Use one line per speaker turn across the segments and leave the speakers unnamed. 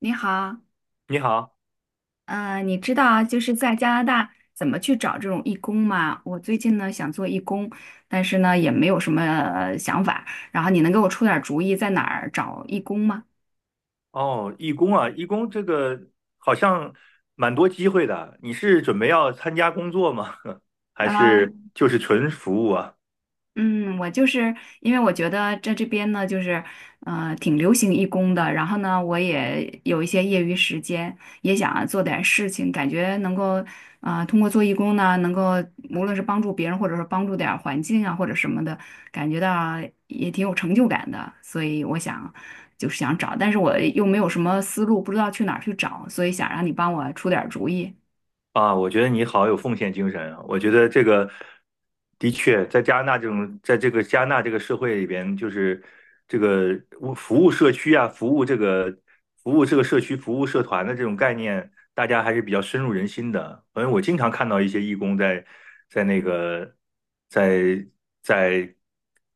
你好，
你好，
嗯，你知道就是在加拿大怎么去找这种义工吗？我最近呢想做义工，但是呢也没有什么想法，然后你能给我出点儿主意在哪儿找义工吗？
哦，义工啊，义工这个好像蛮多机会的。你是准备要参加工作吗？还是
嗯。
就是纯服务啊？
嗯，我就是因为我觉得在这边呢，就是挺流行义工的，然后呢，我也有一些业余时间，也想做点事情，感觉能够通过做义工呢，能够无论是帮助别人，或者是帮助点儿环境啊，或者什么的，感觉到也挺有成就感的，所以我想就是想找，但是我又没有什么思路，不知道去哪儿去找，所以想让你帮我出点儿主意。
啊，我觉得你好有奉献精神啊！我觉得这个的确，在加拿大这种，在这个加拿大这个社会里边，就是这个服务社区啊，服务这个社区、服务社团的这种概念，大家还是比较深入人心的。反正我经常看到一些义工在那个在在，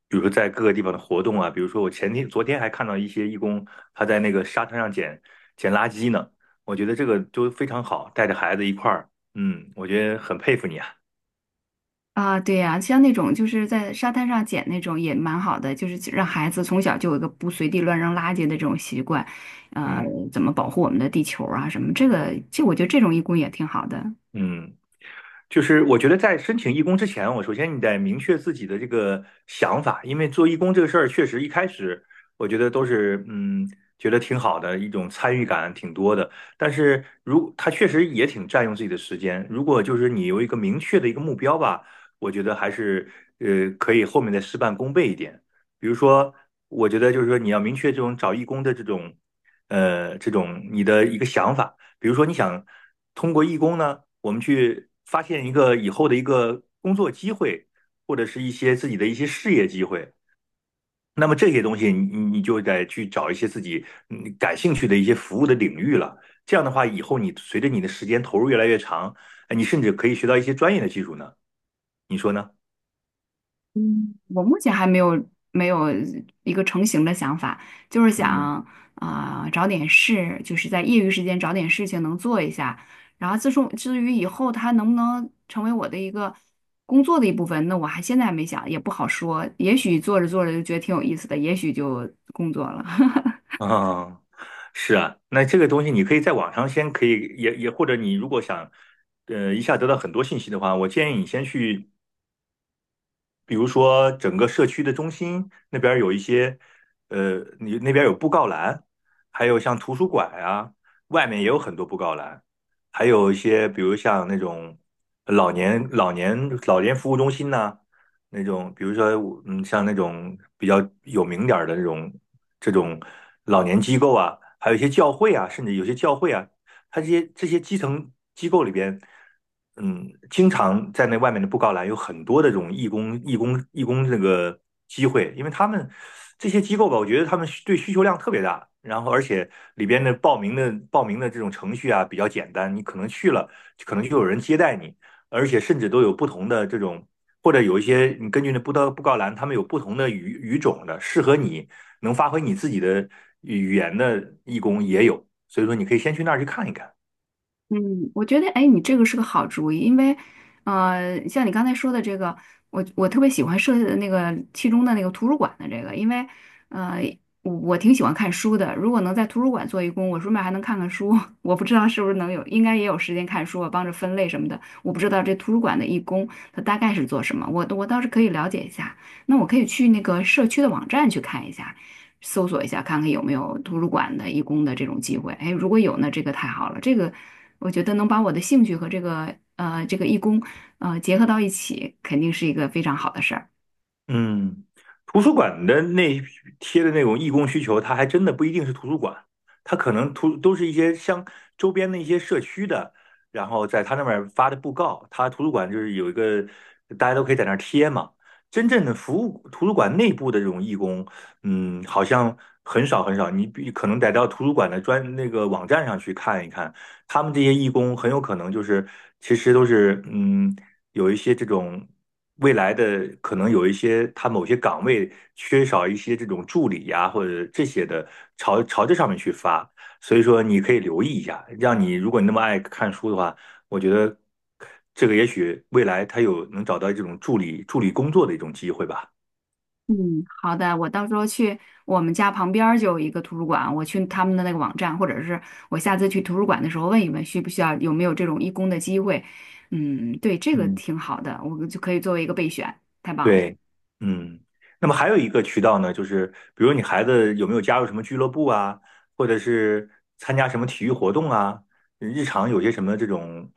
比如说在各个地方的活动啊，比如说我前天、昨天还看到一些义工他在那个沙滩上捡垃圾呢。我觉得这个就非常好，带着孩子一块儿。嗯，我觉得很佩服你啊。
啊，对呀，像那种就是在沙滩上捡那种也蛮好的，就是让孩子从小就有一个不随地乱扔垃圾的这种习惯，呃，
嗯
怎么保护我们的地球啊什么，这个这我觉得这种义工也挺好的。
嗯，就是我觉得在申请义工之前，我首先你得明确自己的这个想法，因为做义工这个事儿，确实一开始我觉得都是觉得挺好的一种参与感挺多的。但是如它确实也挺占用自己的时间。如果就是你有一个明确的一个目标吧，我觉得还是可以后面再事半功倍一点。比如说，我觉得就是说你要明确这种找义工的这种这种你的一个想法。比如说，你想通过义工呢，我们去发现一个以后的一个工作机会，或者是一些自己的一些事业机会。那么这些东西你，你就得去找一些自己嗯感兴趣的一些服务的领域了。这样的话，以后你随着你的时间投入越来越长，哎你甚至可以学到一些专业的技术呢。你说呢？
我目前还没有没有一个成型的想法，就是
嗯
想啊、找点事，就是在业余时间找点事情能做一下。然后自从至于以后它能不能成为我的一个工作的一部分，那我还现在还没想，也不好说。也许做着做着就觉得挺有意思的，也许就工作了。
啊，是啊，那这个东西你可以在网上先可以也，或者你如果想一下得到很多信息的话，我建议你先去比如说整个社区的中心那边儿有一些，呃，你那边儿有布告栏，还有像图书馆啊，外面也有很多布告栏，还有一些比如像那种老年老年服务中心呐、那种比如说嗯，像那种比较有名点儿的这种老年机构啊，还有一些教会啊，甚至有些教会啊，他这些基层机构里边，嗯，经常在那外面的布告栏有很多的这种义工这个机会，因为他们这些机构吧，我觉得他们对需求量特别大，然后而且里边的报名的这种程序啊比较简单，你可能去了，可能就有人接待你，而且甚至都有不同的这种。或者有一些，你根据那布告栏，他们有不同的语种的，适合你能发挥你自己的语言的义工也有，所以说你可以先去那儿去看一看。
嗯，我觉得，哎，你这个是个好主意，因为，像你刚才说的这个，我特别喜欢设那个其中的那个图书馆的这个，因为，呃，我挺喜欢看书的，如果能在图书馆做义工，我顺便还能看看书，我不知道是不是能有，应该也有时间看书啊，帮着分类什么的，我不知道这图书馆的义工他大概是做什么，我倒是可以了解一下，那我可以去那个社区的网站去看一下。搜索一下，看看有没有图书馆的义工的这种机会。哎，如果有呢，这个太好了，这个我觉得能把我的兴趣和这个这个义工结合到一起，肯定是一个非常好的事儿。
嗯，图书馆的那贴的那种义工需求，它还真的不一定是图书馆，它可能图都是一些像周边的一些社区的，然后在他那边发的布告，他图书馆就是有一个大家都可以在那儿贴嘛。真正的服务图书馆内部的这种义工，嗯，好像很少，你比可能得到图书馆的专那个网站上去看一看，他们这些义工很有可能就是其实都是嗯。有一些这种未来的可能有一些他某些岗位缺少一些这种助理呀、或者这些的，朝这上面去发。所以说你可以留意一下，让你如果你那么爱看书的话，我觉得这个也许未来他有能找到这种助理工作的一种机会吧。
嗯，好的，我到时候去我们家旁边儿就有一个图书馆，我去他们的那个网站，或者是我下次去图书馆的时候问一问，需不需要有没有这种义工的机会。嗯，对，这个
嗯。
挺好的，我就可以作为一个备选，太棒了。
对，嗯，那么还有一个渠道呢，就是比如你孩子有没有加入什么俱乐部啊，或者是参加什么体育活动啊，日常有些什么这种，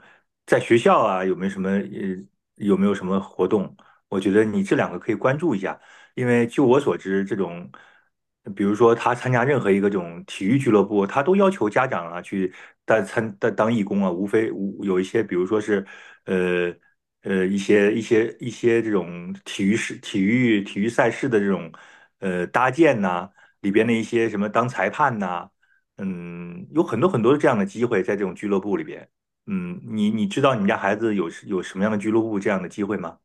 在学校啊有没有什么活动？我觉得你这两个可以关注一下，因为就我所知，这种比如说他参加任何一个这种体育俱乐部，他都要求家长啊去带参带当义工啊，无非无有一些比如说是。呃。一些这种体育赛事的这种呃搭建呐、里边的一些什么当裁判呐、嗯，有很多很多这样的机会在这种俱乐部里边。嗯，你知道你们家孩子有什么样的俱乐部这样的机会吗？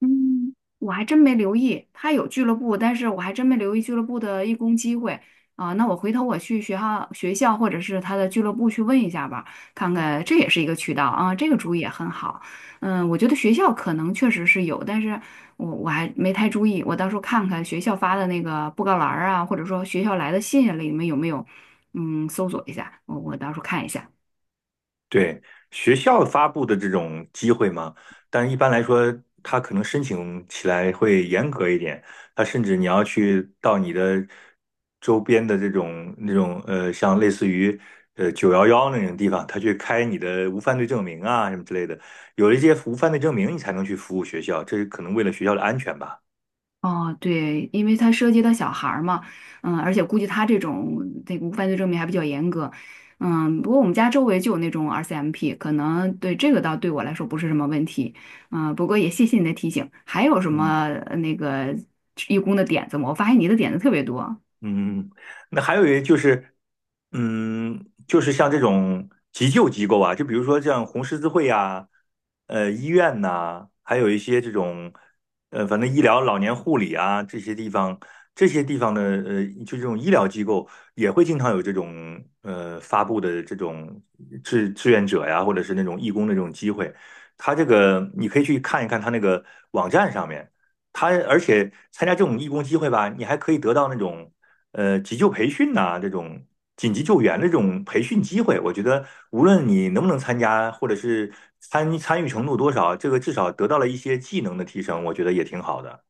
嗯，我还真没留意，他有俱乐部，但是我还真没留意俱乐部的义工机会啊、那我回头我去学校、学校或者是他的俱乐部去问一下吧，看看这也是一个渠道啊、这个主意也很好。嗯，我觉得学校可能确实是有，但是我还没太注意，我到时候看看学校发的那个布告栏儿啊，或者说学校来的信啊里面有没有，嗯，搜索一下，我到时候看一下。
对，学校发布的这种机会嘛，但一般来说，他可能申请起来会严格一点。他甚至你要去到你的周边的这种那种呃，像类似于呃911那种地方，他去开你的无犯罪证明啊什么之类的。有了一些无犯罪证明，你才能去服务学校，这是可能为了学校的安全吧。
哦，对，因为它涉及到小孩儿嘛，嗯，而且估计他这种这个无犯罪证明还比较严格，嗯，不过我们家周围就有那种 RCMP,可能对这个倒对我来说不是什么问题，嗯，不过也谢谢你的提醒。还有什么
嗯。
那个义工的点子吗？我发现你的点子特别多。
嗯，那还有一就是，嗯，就是像这种急救机构啊，就比如说像红十字会呀、呃医院呐、还有一些这种，呃，反正医疗、老年护理啊这些地方，这些地方的呃，就这种医疗机构也会经常有这种呃发布的这种志愿者呀，或者是那种义工的这种机会，他这个你可以去看一看他那个网站上面。他而且参加这种义工机会吧，你还可以得到那种呃急救培训呐、这种紧急救援的这种培训机会，我觉得无论你能不能参加，或者是参与程度多少，这个至少得到了一些技能的提升，我觉得也挺好的。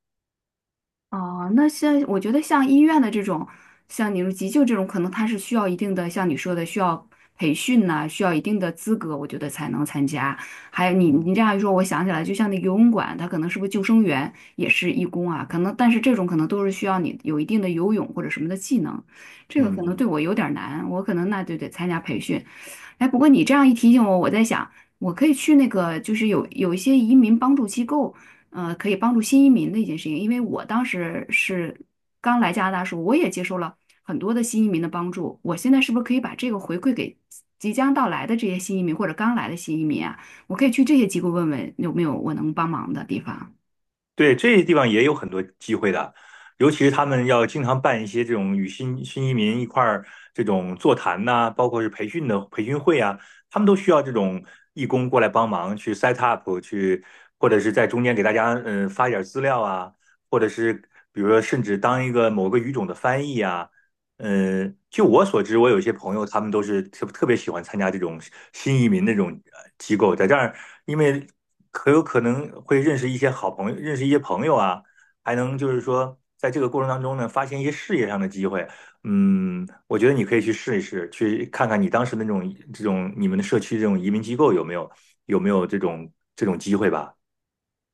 哦，那像我觉得像医院的这种，像你说急救这种，可能它是需要一定的，像你说的需要培训呐、需要一定的资格，我觉得才能参加。还有你
嗯，
你这样一说，我想起来，就像那个游泳馆，它可能是不是救生员也是义工啊？可能，但是这种可能都是需要你有一定的游泳或者什么的技能，这个可能对
嗯，
我有点儿难，我可能那就得参加培训。哎，不过你这样一提醒我，我在想，我可以去那个，就是有一些移民帮助机构。可以帮助新移民的一件事情。因为我当时是刚来加拿大的时候，我也接受了很多的新移民的帮助。我现在是不是可以把这个回馈给即将到来的这些新移民或者刚来的新移民啊？我可以去这些机构问问有没有我能帮忙的地方。
对，这些地方也有很多机会的，尤其是他们要经常办一些这种与新移民一块儿这种座谈呐、包括是培训会啊，他们都需要这种义工过来帮忙去 set up 去，或者是在中间给大家嗯、呃发一点儿资料啊，或者是比如说甚至当一个某个语种的翻译啊。呃，据我所知，我有一些朋友，他们都是特别喜欢参加这种新移民那种呃机构，在这儿，因为可有可能会认识一些好朋友，认识一些朋友啊，还能就是说，在这个过程当中呢，发现一些事业上的机会。嗯，我觉得你可以去试一试，去看看你当时那种这种你们的社区这种移民机构有没有这种机会吧。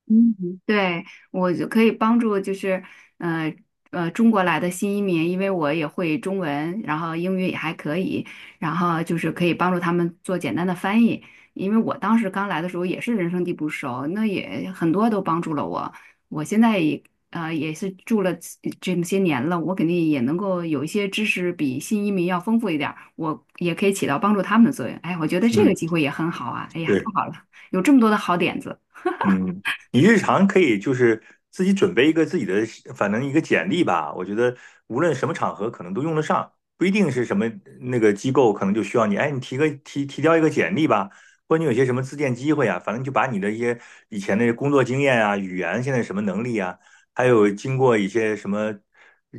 嗯，对，我就可以帮助，就是呃中国来的新移民，因为我也会中文，然后英语也还可以，然后就是可以帮助他们做简单的翻译。因为我当时刚来的时候也是人生地不熟，那也很多都帮助了我。我现在也也是住了这么些年了，我肯定也能够有一些知识比新移民要丰富一点儿，我也可以起到帮助他们的作用。哎，我觉得这个
嗯，
机会也很好啊！哎呀，太
对。
好了，有这么多的好点子。
嗯，你日常可以就是自己准备一个自己的，反正一个简历吧。我觉得无论什么场合可能都用得上，不一定是什么那个机构可能就需要你。哎，你提交一个简历吧，或者你有些什么自荐机会啊，反正就把你的一些以前的工作经验啊、语言现在什么能力啊，还有经过一些什么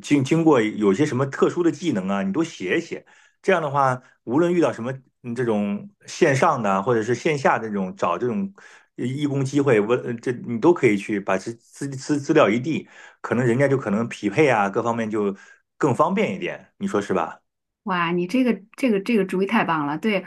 经过有些什么特殊的技能啊，你都写一写。这样的话，无论遇到什么嗯这种线上的啊或者是线下的这种找这种呃义工机会，这你都可以去把资料一递，可能人家就可能匹配啊，各方面就更方便一点，你说是吧？
哇，你这个这个主意太棒了，对，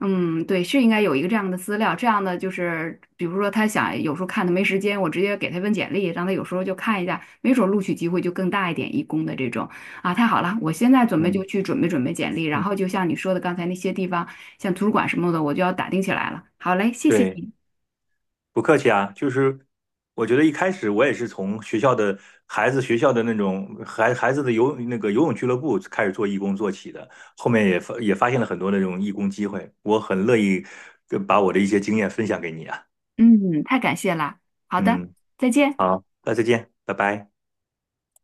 嗯，对，是应该有一个这样的资料，这样的就是，比如说他想有时候看他没时间，我直接给他一份简历，让他有时候就看一下，没准儿录取机会就更大一点，义工的这种啊，太好了，我现在准备就
嗯
去准备简历，然
嗯，
后就像你说的刚才那些地方，像图书馆什么的，我就要打听起来了。好嘞，谢谢
对。
你，
不客气啊，就是我觉得一开始我也是从学校的孩子学校的那种孩子的游那个游泳俱乐部开始做义工做起的，后面也发现了很多那种义工机会，我很乐意呃把我的一些经验分享给你啊。
嗯，太感谢了，好的，
嗯，
再见。
好，那再见，拜拜。